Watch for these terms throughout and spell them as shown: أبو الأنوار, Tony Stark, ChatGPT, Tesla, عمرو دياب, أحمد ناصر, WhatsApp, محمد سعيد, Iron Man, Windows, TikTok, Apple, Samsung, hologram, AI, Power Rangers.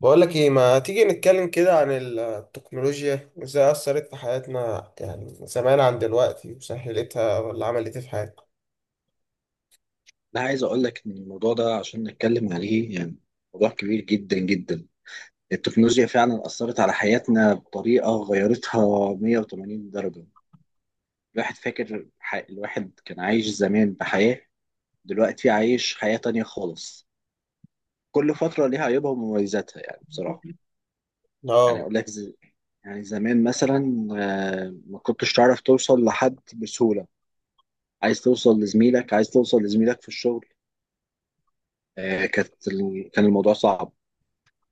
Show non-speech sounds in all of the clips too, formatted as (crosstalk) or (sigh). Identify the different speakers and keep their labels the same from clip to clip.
Speaker 1: بقول لك ايه، ما تيجي نتكلم كده عن التكنولوجيا وازاي اثرت في حياتنا، يعني زمان عن دلوقتي وسهلتها ولا عملت ايه في حياتنا.
Speaker 2: لا، عايز اقول لك ان الموضوع ده عشان نتكلم عليه يعني موضوع كبير جدا جدا. التكنولوجيا فعلا اثرت على حياتنا بطريقه غيرتها 180 درجه. الواحد كان عايش زمان بحياه. دلوقتي عايش حياه تانية خالص. كل فتره ليها عيوبها ومميزاتها، يعني بصراحه. يعني
Speaker 1: اه.
Speaker 2: اقول لك ز... يعني زمان مثلا، ما كنتش تعرف توصل لحد بسهوله. عايز توصل لزميلك في الشغل. كان الموضوع صعب.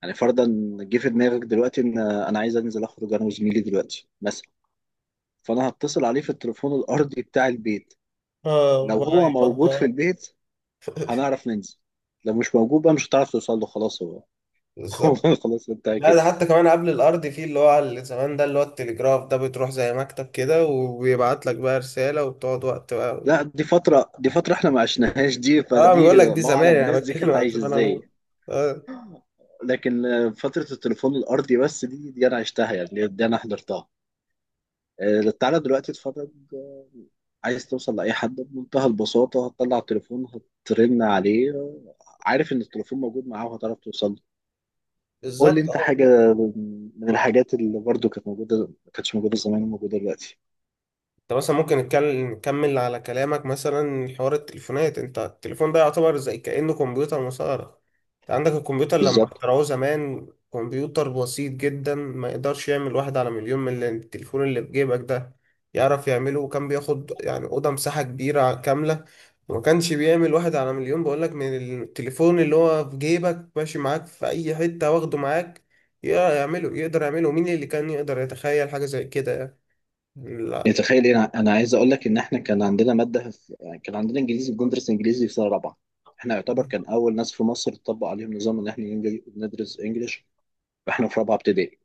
Speaker 2: يعني فرضا جه في دماغك دلوقتي ان انا عايز انزل اخرج انا وزميلي دلوقتي مثلا، فانا هتصل عليه في التليفون الارضي بتاع البيت.
Speaker 1: اه
Speaker 2: لو
Speaker 1: ولا
Speaker 2: هو موجود في
Speaker 1: يفضل.
Speaker 2: البيت هنعرف ننزل. لو مش موجود بقى مش هتعرف توصل له، خلاص هو (laughs)
Speaker 1: بالظبط.
Speaker 2: هو خلاص انتهى
Speaker 1: لا،
Speaker 2: كده.
Speaker 1: ده حتى كمان قبل الارض فيه اللي هو على اللي زمان ده اللي هو التليجراف ده، بتروح زي مكتب كده وبيبعت لك بقى رسالة وبتقعد وقت بقى.
Speaker 2: لا، دي فترة احنا ما عشناهاش دي،
Speaker 1: اه،
Speaker 2: فدي
Speaker 1: بقول لك دي
Speaker 2: الله
Speaker 1: زمان،
Speaker 2: اعلم
Speaker 1: يعني
Speaker 2: الناس دي
Speaker 1: بتكلم
Speaker 2: كانت
Speaker 1: عن
Speaker 2: عايشة
Speaker 1: زمان عموما.
Speaker 2: ازاي.
Speaker 1: اه.
Speaker 2: لكن فترة التليفون الأرضي بس دي أنا عشتها يعني، دي أنا حضرتها. تعالى دلوقتي اتفرج. عايز توصل لأي حد بمنتهى البساطة هتطلع التليفون، هترن عليه. عارف إن التليفون موجود معاه وهتعرف توصل له. قول لي
Speaker 1: بالظبط.
Speaker 2: أنت حاجة من الحاجات اللي برضو كانت موجودة، ما كانتش موجودة زمان وموجودة دلوقتي.
Speaker 1: انت مثلا ممكن نتكلم نكمل على كلامك، مثلا حوار التليفونات، انت التليفون ده يعتبر زي كأنه كمبيوتر مسار. انت عندك الكمبيوتر لما
Speaker 2: بالظبط.
Speaker 1: اخترعوه زمان، كمبيوتر بسيط جدا ما يقدرش يعمل واحد على مليون من التليفون اللي في جيبك ده يعرف يعمله. وكان بياخد يعني أوضة مساحة كبيرة كاملة، وما كانش بيعمل واحد على مليون بقولك من التليفون اللي هو في جيبك ماشي معاك في أي حتة واخده معاك يعمله، يقدر يعمله. مين اللي كان يقدر يتخيل حاجة زي كده يعني؟ لا.
Speaker 2: يعني تخيل إيه، أنا عايز أقول لك إن إحنا كان عندنا يعني كان عندنا إنجليزي، بندرس إنجليزي في سنة رابعة. إحنا يعتبر كان أول ناس في مصر تطبق عليهم نظام إن إحنا ندرس إنجليش وإحنا في رابعة ابتدائي.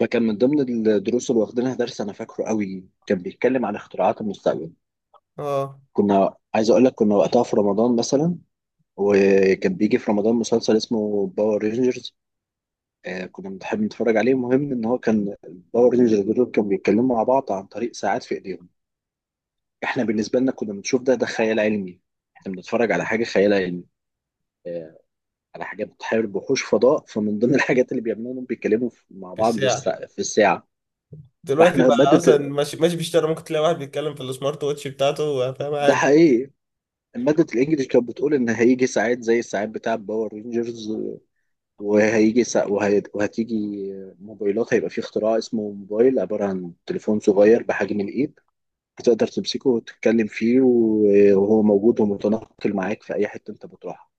Speaker 2: فكان من ضمن الدروس اللي واخدينها درس أنا فاكره قوي كان بيتكلم عن اختراعات المستقبل.
Speaker 1: اه.
Speaker 2: عايز اقول لك كنا وقتها في رمضان مثلا، وكان بيجي في رمضان مسلسل اسمه باور رينجرز. آه، كنا بنحب نتفرج عليه. المهم ان هو كان الباور رينجرز دول كانوا بيتكلموا مع بعض عن طريق ساعات في ايديهم. احنا بالنسبه لنا كنا بنشوف ده خيال علمي. احنا بنتفرج على حاجه خيال علمي، على حاجه بتحارب وحوش فضاء. فمن ضمن (laughs) الحاجات اللي بيعملوها انهم بيتكلموا مع
Speaker 1: في
Speaker 2: بعض
Speaker 1: الساعة.
Speaker 2: في الساعه.
Speaker 1: دلوقتي
Speaker 2: فاحنا
Speaker 1: بقى
Speaker 2: ماده
Speaker 1: اصلا ماشي بيشتغل، ممكن تلاقي واحد بيتكلم في السمارت ووتش بتاعته، فاهم،
Speaker 2: ده
Speaker 1: عادي.
Speaker 2: حقيقي. مادة الإنجليش كانت بتقول إن هيجي ساعات زي الساعات بتاع باور رينجرز، وهتيجي موبايلات، هيبقى في اختراع اسمه موبايل عبارة عن تليفون صغير بحجم الإيد بتقدر تمسكه وتتكلم فيه وهو موجود ومتنقل معاك في أي حتة أنت بتروحها.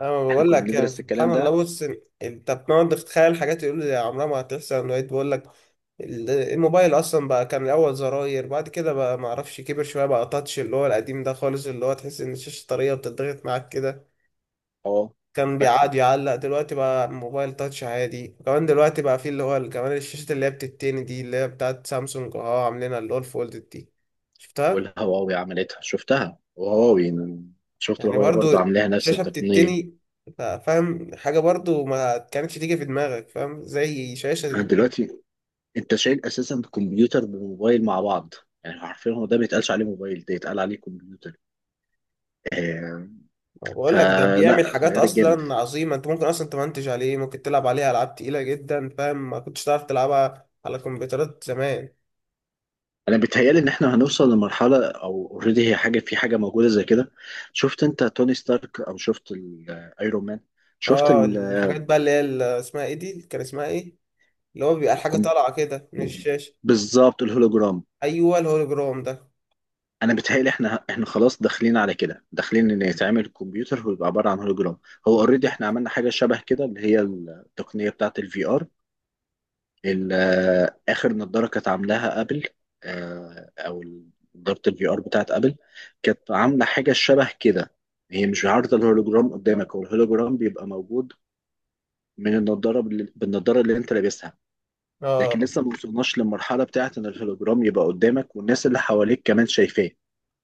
Speaker 1: انا
Speaker 2: إحنا
Speaker 1: بقول
Speaker 2: كنا
Speaker 1: لك يعني
Speaker 2: بندرس
Speaker 1: سبحان
Speaker 2: الكلام
Speaker 1: الله،
Speaker 2: ده.
Speaker 1: بص انت بتقعد تتخيل حاجات يقول لي عمرها ما هتحصل، لقيت. بقول لك الموبايل اصلا بقى كان الاول زراير، بعد كده بقى ما اعرفش كبر شويه بقى تاتش، اللي هو القديم ده خالص اللي هو تحس ان الشاشه طريه وبتضغط معاك كده.
Speaker 2: أه،
Speaker 1: كان
Speaker 2: فاكره.
Speaker 1: بيقعد يعلق. دلوقتي بقى موبايل تاتش عادي، وكمان دلوقتي بقى فيه اللي هو كمان الشاشة اللي هي بتتني دي اللي هي بتاعت سامسونج، اه، عاملينها اللي هو الفولد دي. شفتها.
Speaker 2: والهواوي عملتها، شفتها. وهواوي، شفت
Speaker 1: يعني
Speaker 2: الهواوي
Speaker 1: برضو
Speaker 2: برضه عاملاها نفس
Speaker 1: شاشة
Speaker 2: التقنية.
Speaker 1: بتتني، فاهم، حاجة برضو ما كانتش تيجي في دماغك، فاهم، زي شاشة تتني.
Speaker 2: دلوقتي أنت شايل أساسا كمبيوتر بموبايل مع بعض. يعني عارفين هو ده ما يتقالش عليه موبايل، ده يتقال عليه كمبيوتر. آه،
Speaker 1: ما بقول لك ده بيعمل
Speaker 2: فلا
Speaker 1: حاجات
Speaker 2: غيرت جامد.
Speaker 1: اصلا عظيمة، انت ممكن اصلا تمنتج عليه، ممكن تلعب عليه العاب تقيلة جدا، فاهم، ما كنتش تعرف تلعبها على كمبيوترات زمان.
Speaker 2: انا بيتهيالي ان احنا هنوصل لمرحله، او اوريدي هي حاجه، في حاجه موجوده زي كده. شفت انت توني ستارك؟ او شفت الايرون مان؟ شفت
Speaker 1: اه
Speaker 2: ال
Speaker 1: الحاجات بقى اللي هي اسمها ايه دي، كان اسمها ايه اللي هو بيبقى الحاجة
Speaker 2: الكم-
Speaker 1: طالعة كده من الشاشة.
Speaker 2: بالظبط، الهولوجرام.
Speaker 1: أيوه الهولوجرام ده.
Speaker 2: انا بيتهيالي احنا خلاص داخلين على كده، داخلين ان يتعمل الكمبيوتر ويبقى عباره عن هولوجرام. هو اوريدي احنا عملنا حاجه شبه كده، اللي هي التقنيه بتاعه الفي ار. اخر نضاره كانت عاملاها ابل، آه، او نضاره الفي ار بتاعت ابل كانت عامله حاجه شبه كده. هي مش عارضه الهولوجرام قدامك، هو الهولوجرام بيبقى موجود من النضاره، بالنضاره اللي انت لابسها. لكن
Speaker 1: اه
Speaker 2: لسه ما وصلناش للمرحله بتاعت ان الهولوجرام يبقى قدامك والناس اللي حواليك كمان شايفاه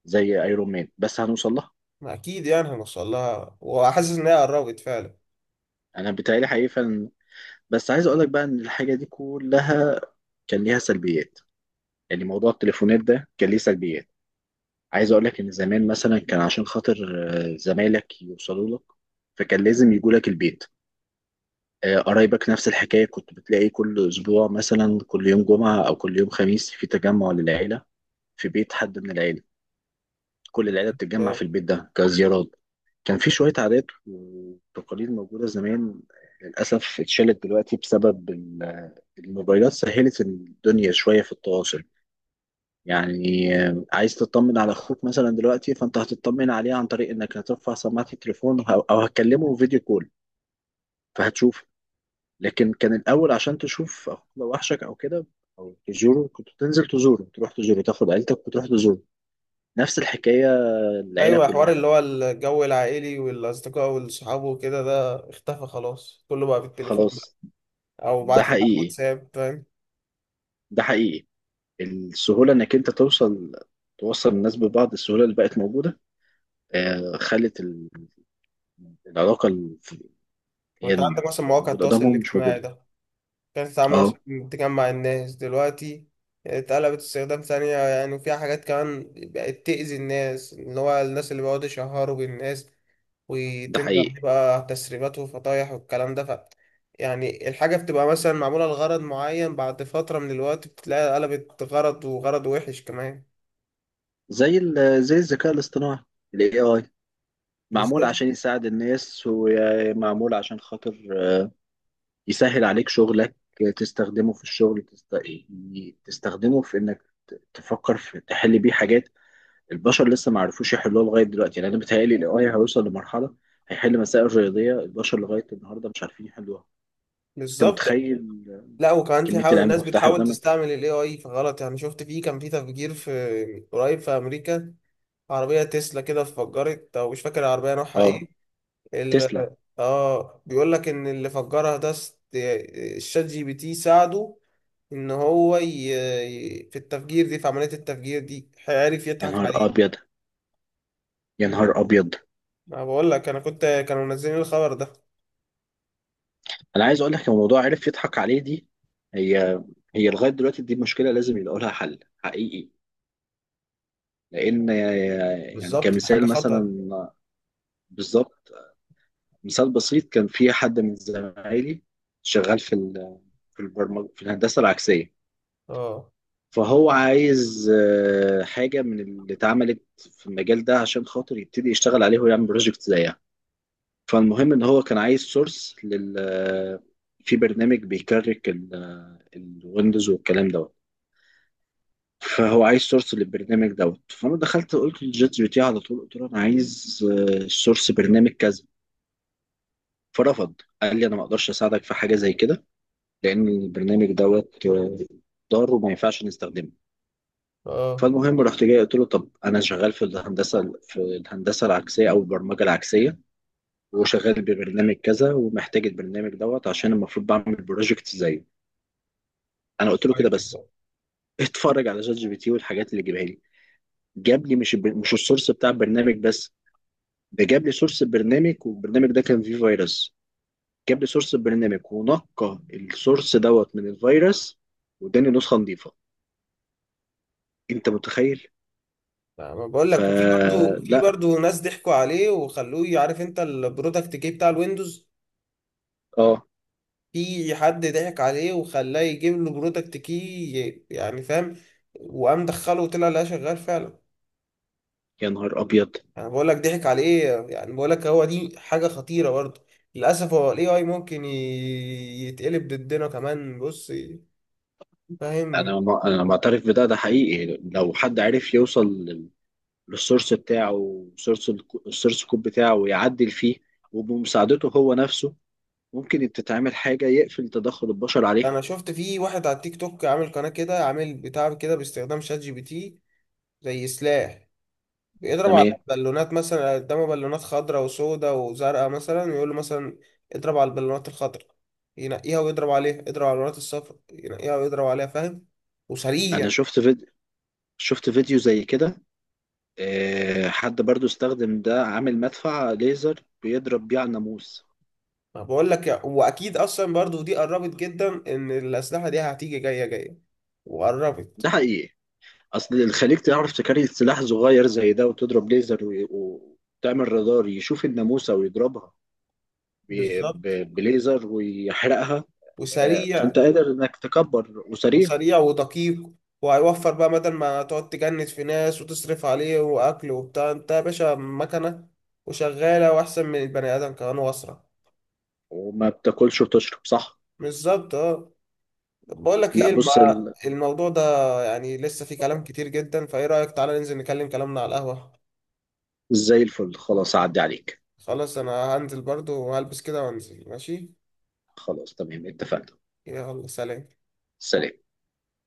Speaker 2: زي ايرون مان، بس هنوصل لها.
Speaker 1: ما أكيد يعني هنوصل لها، وحاسس إن هي قربت فعلا.
Speaker 2: انا بتهيألي حقيقي فعلا. بس عايز اقول لك بقى ان الحاجه دي كلها كان ليها سلبيات. يعني موضوع التليفونات ده كان ليه سلبيات. عايز اقول لك ان زمان مثلا كان عشان خاطر زمايلك يوصلوا لك فكان لازم يجوا لك البيت. قرايبك نفس الحكايه، كنت بتلاقي كل اسبوع مثلا كل يوم جمعه او كل يوم خميس في تجمع للعيله في بيت حد من العيله. كل العيله بتتجمع
Speaker 1: طب.
Speaker 2: في البيت ده كزيارات. كان في شويه عادات وتقاليد موجوده زمان، للاسف اتشالت دلوقتي بسبب الموبايلات. سهلت الدنيا شويه في التواصل. يعني عايز تطمن على اخوك مثلا دلوقتي، فانت هتطمن عليه عن طريق انك هترفع سماعة التليفون، او هتكلمه فيديو كول فهتشوف. لكن كان الاول عشان تشوف اخوك لو وحشك او كده او تزوره، كنت تنزل تزوره، تروح تزوره، تاخد عيلتك وتروح تزوره. نفس الحكاية، العيلة
Speaker 1: أيوه، حوار
Speaker 2: كلها.
Speaker 1: اللي هو الجو العائلي والأصدقاء والصحاب وكده، ده اختفى خلاص، كله بقى بالتليفون بقى،
Speaker 2: خلاص.
Speaker 1: أو
Speaker 2: ده
Speaker 1: بعت لي على
Speaker 2: حقيقي،
Speaker 1: الواتساب، فاهم.
Speaker 2: ده حقيقي. السهولة انك انت توصل الناس ببعض، السهولة اللي بقت موجودة خلت العلاقة اللي هي
Speaker 1: وأنت
Speaker 2: انك
Speaker 1: عندك مثلا
Speaker 2: تبقى
Speaker 1: مواقع
Speaker 2: موجود
Speaker 1: التواصل
Speaker 2: قدامهم مش
Speaker 1: الاجتماعي
Speaker 2: موجودة.
Speaker 1: ده كانت تتعامل
Speaker 2: اه،
Speaker 1: عشان تجمع الناس، دلوقتي اتقلبت استخدام ثانية يعني، وفيها حاجات كمان بقت تأذي الناس، اللي هو الناس اللي بيقعدوا يشهروا بالناس
Speaker 2: ده
Speaker 1: وتنزل
Speaker 2: حقيقي.
Speaker 1: عليه بقى تسريبات وفطايح والكلام ده. ف يعني الحاجة بتبقى مثلا معمولة لغرض معين، بعد فترة من الوقت بتلاقي قلبت غرض، وغرض وحش كمان.
Speaker 2: زي الذكاء الاصطناعي، ال AI معمول
Speaker 1: بالظبط.
Speaker 2: عشان يساعد الناس ومعمول عشان خاطر يسهل عليك شغلك. تستخدمه في الشغل، تستخدمه في انك تفكر في تحل بيه حاجات البشر لسه ما عرفوش يحلوها لغاية دلوقتي. يعني انا بيتهيألي ال AI هيوصل لمرحلة هيحل مسائل رياضية البشر لغاية النهاردة مش عارفين يحلوها. انت
Speaker 1: بالظبط.
Speaker 2: متخيل؟
Speaker 1: لا وكمان في
Speaker 2: كمية
Speaker 1: حاول
Speaker 2: العلم
Speaker 1: ناس
Speaker 2: المفتوحة
Speaker 1: بتحاول
Speaker 2: قدامك.
Speaker 1: تستعمل ال AI في غلط، يعني شفت، فيه كان في تفجير في قريب في أمريكا، عربية تسلا كده اتفجرت، أو مش فاكر العربية نوعها
Speaker 2: اه،
Speaker 1: إيه. ال...
Speaker 2: تسلا.
Speaker 1: آه بيقول لك إن اللي فجرها ده الشات جي بي تي ساعده ان هو في التفجير دي، في عملية التفجير دي هيعرف
Speaker 2: يا
Speaker 1: يضحك
Speaker 2: نهار
Speaker 1: عليه.
Speaker 2: ابيض، يا نهار ابيض.
Speaker 1: ما بقول لك انا كنت، كانوا منزلين الخبر ده.
Speaker 2: انا عايز اقول لك الموضوع عرف يضحك عليه دي، هي هي لغايه دلوقتي دي مشكله لازم يلاقوا لها حل حقيقي لان... يعني
Speaker 1: بالظبط ده حاجة
Speaker 2: كمثال
Speaker 1: خطر.
Speaker 2: مثلا. بالظبط. مثال بسيط، كان في حد من زمايلي شغال في البرمجه، في الهندسه العكسيه.
Speaker 1: اه.
Speaker 2: فهو عايز حاجه من اللي اتعملت في المجال ده عشان خاطر يبتدي يشتغل عليه ويعمل بروجكت زيها. فالمهم ان هو كان عايز سورس لل آه، في برنامج بيكرك الويندوز والكلام ده. فهو عايز سورس للبرنامج دوت، فانا دخلت قلت للشات جي بي تي على طول، قلت له انا عايز سورس برنامج كذا. فرفض، قال لي انا ما اقدرش اساعدك في حاجه زي كده لان البرنامج دوت ضار وما ينفعش نستخدمه.
Speaker 1: اه.
Speaker 2: فالمهم رحت جاي قلت له، طب انا شغال في الهندسه العكسيه او البرمجه العكسيه، وشغال ببرنامج كذا، ومحتاج البرنامج دوت عشان المفروض بعمل بروجكت زيه. انا قلت له كده
Speaker 1: واحد
Speaker 2: بس.
Speaker 1: بقى.
Speaker 2: اتفرج على شات جي بي تي والحاجات اللي جايبها لي. جاب لي مش مش السورس بتاع البرنامج بس، ده جاب لي سورس البرنامج، والبرنامج ده كان فيه فيروس. جاب لي سورس البرنامج ونقى السورس دوت من الفيروس واداني نسخة نظيفة. انت متخيل؟
Speaker 1: ما بقول لك، وفي برضو، في
Speaker 2: فلا.
Speaker 1: برضو ناس ضحكوا عليه وخلوه، عارف انت البرودكت كي بتاع الويندوز،
Speaker 2: اه،
Speaker 1: في حد ضحك عليه وخلاه يجيب له برودكت كي، يعني فاهم، وقام دخله وطلع لقاه شغال فعلا.
Speaker 2: يا نهار ابيض.
Speaker 1: انا بقول لك ضحك عليه يعني، بقول لك هو دي حاجه خطيره برضه، للاسف هو الاي اي ممكن يتقلب ضدنا كمان، بص،
Speaker 2: انا
Speaker 1: فاهم.
Speaker 2: ما... انا معترف بده. ده حقيقي لو حد عرف يوصل للسورس بتاعه، وسورس السورس كود بتاعه ويعدل فيه وبمساعدته هو نفسه، ممكن تتعمل حاجة يقفل تدخل البشر عليها.
Speaker 1: انا شفت في واحد على التيك توك عامل قناه كده، عامل بتاع كده باستخدام شات جي بي تي زي سلاح، بيضرب على
Speaker 2: تمام.
Speaker 1: بالونات، مثلا قدامه بالونات خضراء وسوداء وزرقاء مثلا، ويقول له مثلا اضرب على البالونات الخضراء، ينقيها ويضرب عليها، اضرب على البالونات الصفراء، ينقيها ويضرب عليها، فاهم، وسريع.
Speaker 2: انا شفت فيديو زي كده. حد برضو استخدم ده عامل مدفع ليزر بيضرب بيه على الناموس.
Speaker 1: ما بقول لك واكيد اصلا برضو دي قربت جدا، ان الاسلحه دي هتيجي جايه
Speaker 2: ده
Speaker 1: وقربت.
Speaker 2: حقيقي. اصل الخليج تعرف تكري سلاح صغير زي ده، وتضرب ليزر وتعمل رادار يشوف الناموسة ويضربها
Speaker 1: بالظبط.
Speaker 2: بليزر ويحرقها. فانت
Speaker 1: وسريع.
Speaker 2: قادر انك تكبر وسريع
Speaker 1: وسريع ودقيق، وهيوفر بقى بدل ما تقعد تجند في ناس وتصرف عليه واكل وبتاع، انت يا باشا مكنه وشغاله واحسن من البني ادم كمان واسرع.
Speaker 2: وما بتاكلش وتشرب صح.
Speaker 1: بالظبط اه. بقول لك
Speaker 2: لا
Speaker 1: ايه
Speaker 2: بص
Speaker 1: الموضوع ده يعني لسه فيه كلام كتير جدا، فايه رايك تعالى ننزل نكلم كلامنا على القهوه.
Speaker 2: زي الفل خلاص عدي عليك.
Speaker 1: خلاص انا هنزل برضو وهلبس كده وانزل، ماشي.
Speaker 2: خلاص تمام، اتفقنا.
Speaker 1: يلا، سلام.
Speaker 2: سلام.